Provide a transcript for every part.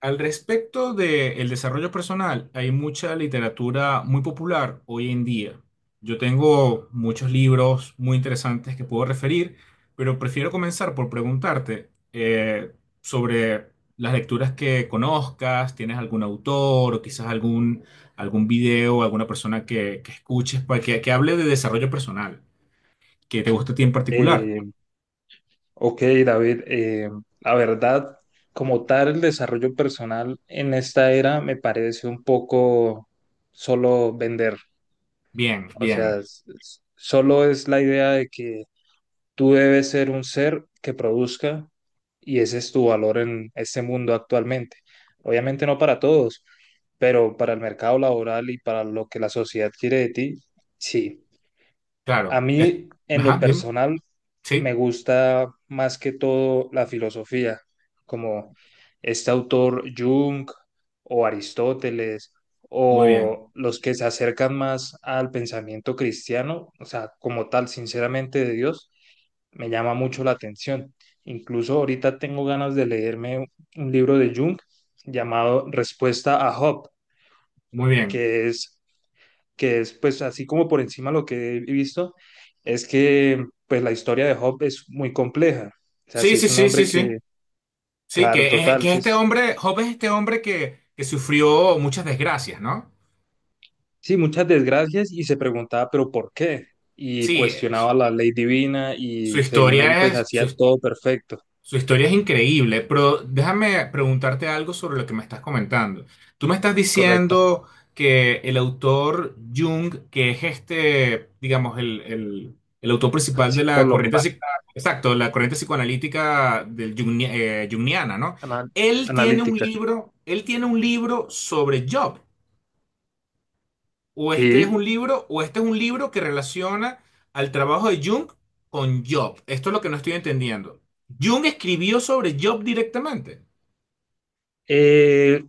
Al respecto del desarrollo personal, hay mucha literatura muy popular hoy en día. Yo tengo muchos libros muy interesantes que puedo referir, pero prefiero comenzar por preguntarte sobre las lecturas que conozcas, tienes algún autor o quizás algún video, alguna persona que escuches que hable de desarrollo personal, que te guste a ti en particular. Eh, ok, David, la verdad, como tal, el desarrollo personal en esta era me parece un poco solo vender. Bien, O sea, bien, solo es la idea de que tú debes ser un ser que produzca y ese es tu valor en este mundo actualmente. Obviamente no para todos, pero para el mercado laboral y para lo que la sociedad quiere de ti, sí. A claro. Mí, en lo Ajá, dime. personal, me Sí, gusta más que todo la filosofía, como este autor Jung o Aristóteles muy bien, o los que se acercan más al pensamiento cristiano, o sea, como tal, sinceramente de Dios, me llama mucho la atención. Incluso ahorita tengo ganas de leerme un libro de Jung llamado Respuesta a Job, muy bien. que es que es pues así como por encima lo que he visto, es que pues la historia de Job es muy compleja. O sea, Sí, si sí, es un sí, sí, hombre sí. que, Sí, claro, total, que es sí, este hombre, Job es este hombre que sufrió muchas desgracias, ¿no? sí, muchas desgracias y se preguntaba, pero ¿por qué? Y Sí, cuestionaba la ley divina su y según él historia pues es, hacía todo perfecto, su historia es increíble, pero déjame preguntarte algo sobre lo que me estás comentando. Tú me estás correcto. diciendo que el autor Jung, que es este, digamos, el autor principal de la Psicólogo, corriente, exacto, la corriente psicoanalítica del Jungniana, ¿no? ana- Él tiene un analítica. libro, él tiene un libro sobre Job. O este es un Sí. libro, o este es un libro que relaciona al trabajo de Jung con Job. Esto es lo que no estoy entendiendo. Jung escribió sobre Job directamente. Eh,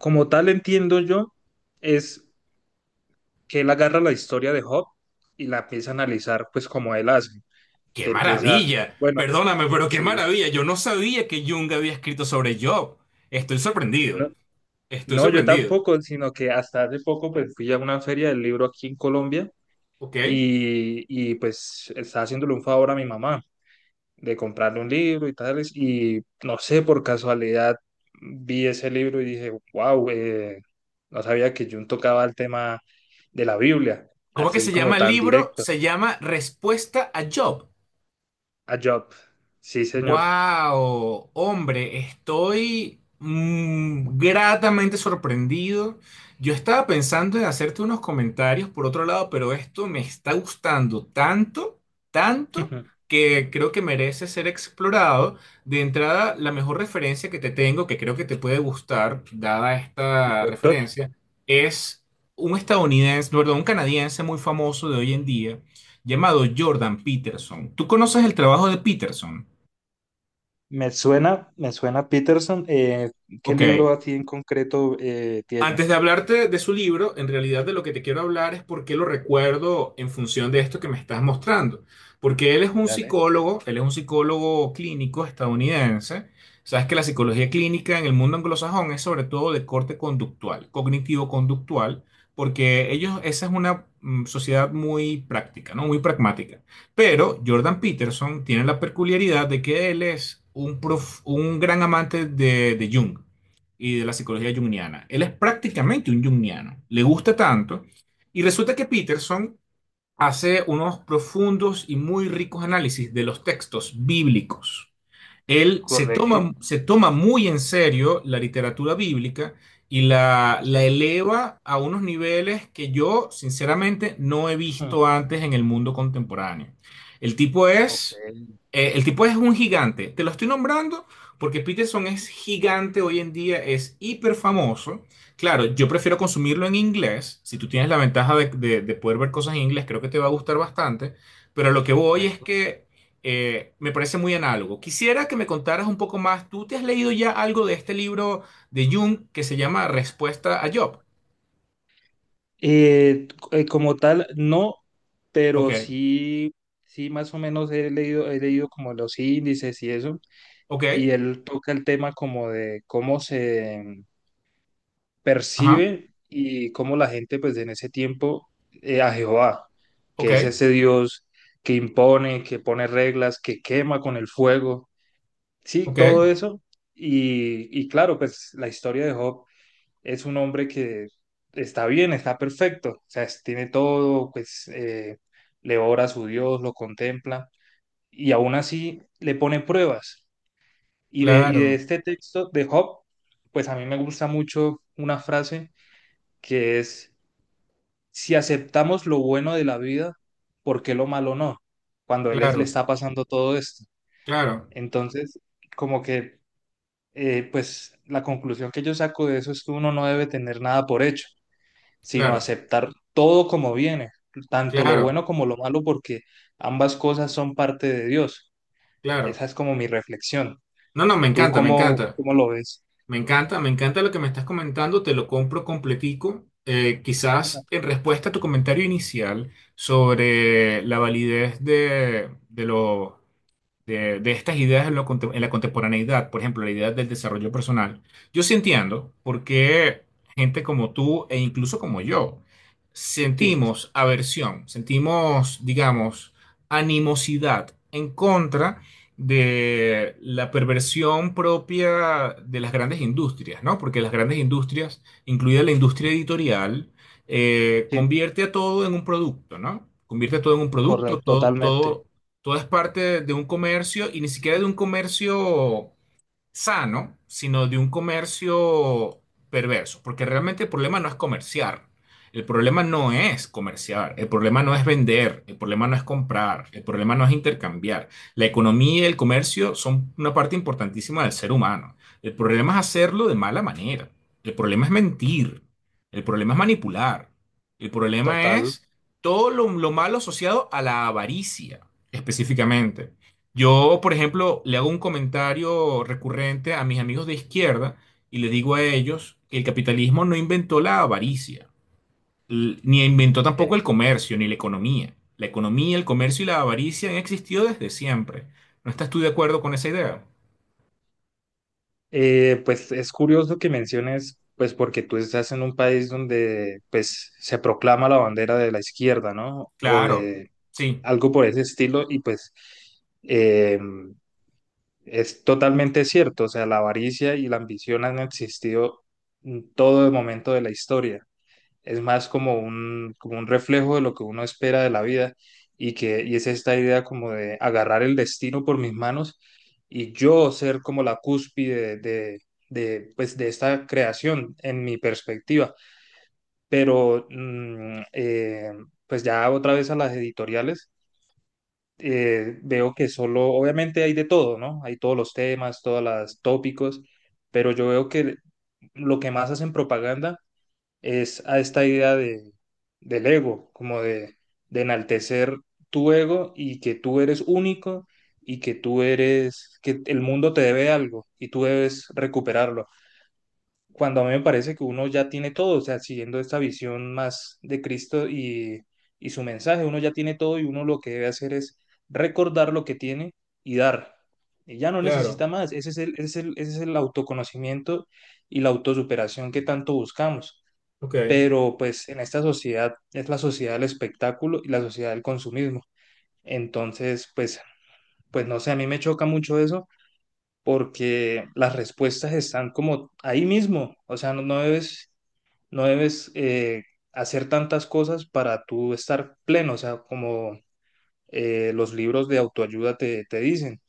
Como tal entiendo yo, es que él agarra la historia de Job y la empieza a analizar pues como él hace. ¡Qué Que empieza, maravilla! bueno, Perdóname, pero qué sí, maravilla. Yo no sabía que Jung había escrito sobre Job. Estoy no, sorprendido. Estoy no, yo sorprendido. tampoco, sino que hasta hace poco pues fui a una feria del libro aquí en Colombia ¿Ok? y, y pues estaba haciéndole un favor a mi mamá de comprarle un libro y tales y no sé, por casualidad vi ese libro y dije, wow, no sabía que Jung tocaba el tema de la Biblia, ¿Cómo que así se como llama el tan libro? directo, Se llama Respuesta a Job. a Job. Sí, señor. Wow, hombre, estoy gratamente sorprendido. Yo estaba pensando en hacerte unos comentarios por otro lado, pero esto me está gustando tanto, tanto, que creo que merece ser explorado. De entrada, la mejor referencia que te tengo, que creo que te puede gustar, dada esta Perfecto. referencia, es un estadounidense, perdón, un canadiense muy famoso de hoy en día, llamado Jordan Peterson. ¿Tú conoces el trabajo de Peterson? Me suena Peterson. ¿Qué Ok, libro así en concreto antes de tienes? hablarte de su libro, en realidad de lo que te quiero hablar es por qué lo recuerdo en función de esto que me estás mostrando. Porque él es un Dale. psicólogo, él es un psicólogo clínico estadounidense. Sabes que la psicología clínica en el mundo anglosajón es sobre todo de corte conductual, cognitivo-conductual, porque ellos, esa es una sociedad muy práctica, ¿no? Muy pragmática. Pero Jordan Peterson tiene la peculiaridad de que él es un gran amante de Jung y de la psicología junguiana. Él es prácticamente un junguiano, le gusta tanto. Y resulta que Peterson hace unos profundos y muy ricos análisis de los textos bíblicos. Él Correcto, se toma muy en serio la literatura bíblica y sí. la eleva a unos niveles que yo, sinceramente, no he Mm. visto antes en el mundo contemporáneo. El tipo Ok, es, el tipo es un gigante. Te lo estoy nombrando porque Peterson es gigante hoy en día, es hiper famoso. Claro, yo prefiero consumirlo en inglés. Si tú tienes la ventaja de poder ver cosas en inglés, creo que te va a gustar bastante. Pero a lo que voy es correcto. que me parece muy análogo. Quisiera que me contaras un poco más. ¿Tú te has leído ya algo de este libro de Jung que se llama Respuesta a Job? Como tal, no, pero Ok, sí, sí más o menos he leído como los índices y eso, ok, y él toca el tema como de cómo se, ajá, percibe y cómo la gente pues en ese tiempo a Jehová, que ok, es ese Dios que impone, que pone reglas, que quema con el fuego, sí, ok, todo eso. Y claro, pues la historia de Job es un hombre que está bien, está perfecto, o sea, tiene todo, pues le ora a su Dios, lo contempla y aún así le pone pruebas. Y de claro, este texto de Job, pues a mí me gusta mucho una frase que es si aceptamos lo bueno de la vida, ¿por qué lo malo no? Cuando le claro, está pasando todo esto. claro, Entonces, como que, pues la conclusión que yo saco de eso es que uno no debe tener nada por hecho, sino claro, aceptar todo como viene, tanto lo claro, bueno como lo malo, porque ambas cosas son parte de Dios. Esa claro. es como mi reflexión. No, no, me ¿Tú encanta, me cómo, encanta, cómo lo ves? me encanta, me encanta lo que me estás comentando, te lo compro completico. Quizás en respuesta a tu comentario inicial sobre la validez de los de estas ideas en, en la contemporaneidad, por ejemplo, la idea del desarrollo personal, yo sí entiendo por qué gente como tú e incluso como yo Sí, sentimos aversión, sentimos, digamos, animosidad en contra de la perversión propia de las grandes industrias, ¿no? Porque las grandes industrias, incluida la industria editorial, sí, convierte a todo en un producto, ¿no? Convierte a todo en un producto, correcto, todo, totalmente, todo todo es parte de un comercio y ni siquiera de un comercio sano, sino de un comercio perverso, porque realmente el problema no es comerciar, el problema no es comerciar, el problema no es vender, el problema no es comprar, el problema no es intercambiar. La economía y el comercio son una parte importantísima del ser humano. El problema es hacerlo de mala manera, el problema es mentir, el problema es manipular, el problema total. es todo lo malo asociado a la avaricia, específicamente. Yo, por ejemplo, le hago un comentario recurrente a mis amigos de izquierda y le digo a ellos que el capitalismo no inventó la avaricia, ni inventó tampoco eh, el comercio, ni la economía. La economía, el comercio y la avaricia han existido desde siempre. ¿No estás tú de acuerdo con esa idea? Pues es curioso que menciones, pues porque tú estás en un país donde pues se proclama la bandera de la izquierda, ¿no? O Claro, de sí. algo por ese estilo y pues, eh, es totalmente cierto, o sea, la avaricia y la ambición han existido en todo el momento de la historia, es más como un reflejo de lo que uno espera de la vida y que y es esta idea como de agarrar el destino por mis manos y yo ser como la cúspide de, pues de esta creación en mi perspectiva. Pero pues ya otra vez a las editoriales, veo que solo, obviamente hay de todo, ¿no? Hay todos los temas, todos los tópicos, pero yo veo que lo que más hacen propaganda es a esta idea de, del ego, como de enaltecer tu ego y que tú eres único y que tú eres, que el mundo te debe algo y tú debes recuperarlo. Cuando a mí me parece que uno ya tiene todo, o sea, siguiendo esta visión más de Cristo y su mensaje, uno ya tiene todo y uno lo que debe hacer es recordar lo que tiene y dar. Y ya no necesita Claro, más. Ese es el autoconocimiento y la autosuperación que tanto buscamos, ok. pero pues en esta sociedad es la sociedad del espectáculo y la sociedad del consumismo. Entonces, pues, pues no sé, a mí me choca mucho eso porque las respuestas están como ahí mismo, o sea, no debes hacer tantas cosas para tú estar pleno, o sea, como los libros de autoayuda te, te dicen,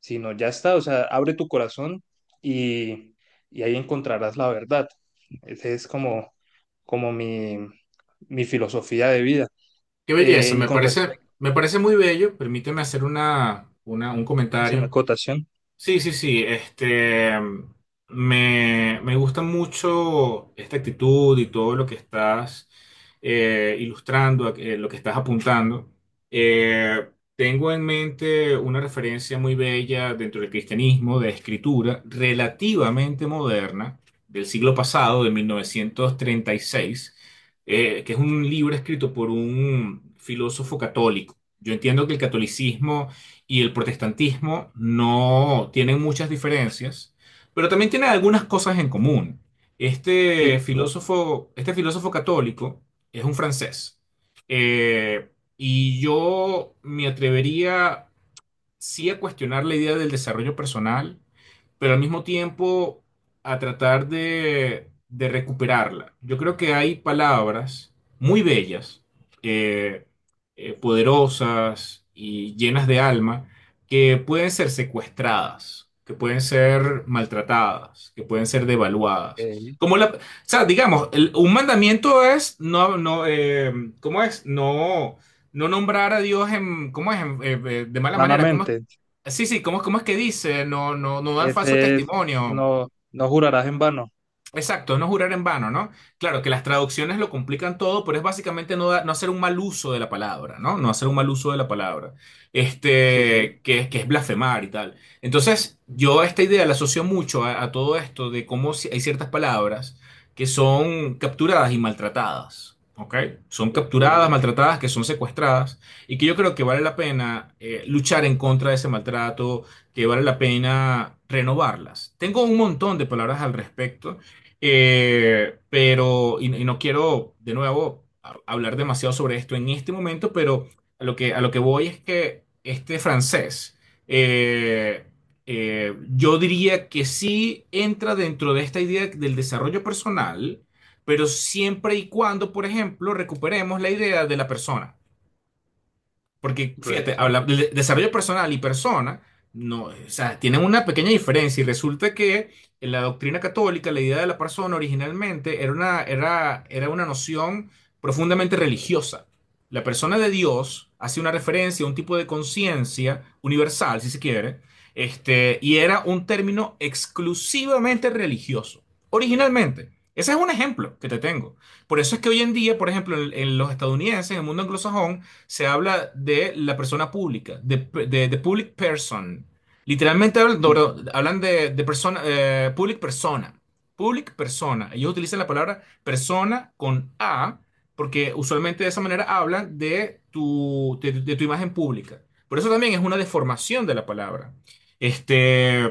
sino ya está, o sea, abre tu corazón y, y ahí encontrarás la verdad. Esa es como, como mi filosofía de vida. Qué belleza, Y con respecto, me parece muy bello. Permíteme hacer un si una comentario. acotación, Sí, sí, sí. Este, me gusta mucho esta actitud y todo lo que estás ilustrando, lo que estás apuntando. Eh, tengo en mente una referencia muy bella dentro del cristianismo de escritura relativamente moderna del siglo pasado, de 1936, que es un libro escrito por un filósofo católico. Yo entiendo que el catolicismo y el protestantismo no tienen muchas diferencias, pero también tienen algunas cosas en común. Sí, Este filósofo católico es un francés. Eh, y yo me atrevería sí a cuestionar la idea del desarrollo personal pero al mismo tiempo a tratar de recuperarla. Yo creo que hay palabras muy bellas, eh, poderosas y llenas de alma, que pueden ser secuestradas, que pueden ser maltratadas, que pueden ser devaluadas. eh, Como la, o sea, digamos, un mandamiento es ¿cómo es? No, no nombrar a Dios en, ¿cómo es? De mala manera. vanamente, Sí, sí, ¿cómo, cómo es que dice? No, no, no dar falso ese es, testimonio. no, no jurarás en vano. Exacto, no jurar en vano, ¿no? Claro que las traducciones lo complican todo, pero es básicamente no, no hacer un mal uso de la palabra, ¿no? No hacer un mal uso de la palabra, Sí, sí, este, que es blasfemar y tal. Entonces, yo esta idea la asocio mucho a todo esto de cómo hay ciertas palabras que son capturadas y maltratadas, ¿ok? Son ok, capturadas, maltratadas, que son secuestradas y que yo creo que vale la pena luchar en contra de ese maltrato, que vale la pena renovarlas. Tengo un montón de palabras al respecto. Pero, y no quiero de nuevo hablar demasiado sobre esto en este momento, pero a lo que voy es que este francés, eh, yo diría que sí entra dentro de esta idea del desarrollo personal, pero siempre y cuando, por ejemplo, recuperemos la idea de la persona. Porque, fíjate, correcto. habla, desarrollo personal y persona, no, o sea, tienen una pequeña diferencia y resulta que en la doctrina católica, la idea de la persona originalmente era una, era una noción profundamente religiosa. La persona de Dios hace una referencia a un tipo de conciencia universal, si se quiere, este, y era un término exclusivamente religioso, originalmente. Ese es un ejemplo que te tengo. Por eso es que hoy en día, por ejemplo, en los estadounidenses, en el mundo anglosajón, se habla de la persona pública, de public person. Literalmente hablan, no, perdón, hablan de persona, public persona. Public persona. Ellos utilizan la palabra persona con A, porque usualmente de esa manera hablan de de tu imagen pública. Por eso también es una deformación de la palabra. Este,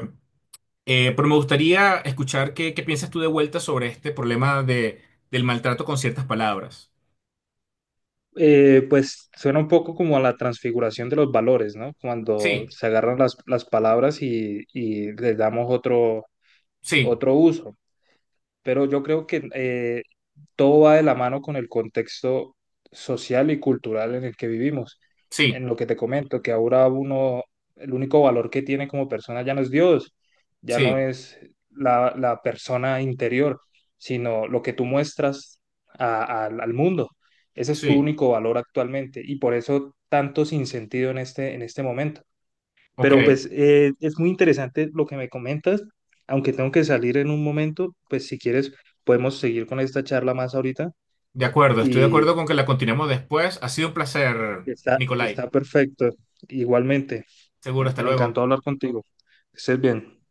pero me gustaría escuchar qué piensas tú de vuelta sobre este problema de, del maltrato con ciertas palabras. Pues suena un poco como a la transfiguración de los valores, ¿no? Cuando Sí, se agarran las palabras y les damos otro, sí, otro uso, pero yo creo que todo va de la mano con el contexto social y cultural en el que vivimos. En sí, lo que te comento, que ahora uno, el único valor que tiene como persona ya no es Dios, ya no sí. es la, la persona interior, sino lo que tú muestras al mundo. Ese es tu Sí, único valor actualmente y por eso tanto sinsentido en este momento. Pero ok, pues es muy interesante lo que me comentas, aunque tengo que salir en un momento, pues si quieres podemos seguir con esta charla más ahorita de acuerdo, estoy de y acuerdo con que la continuemos después. Ha sido un placer, está, Nicolai. está perfecto. Igualmente, Seguro, me, hasta me encantó luego. hablar contigo. Que estés bien.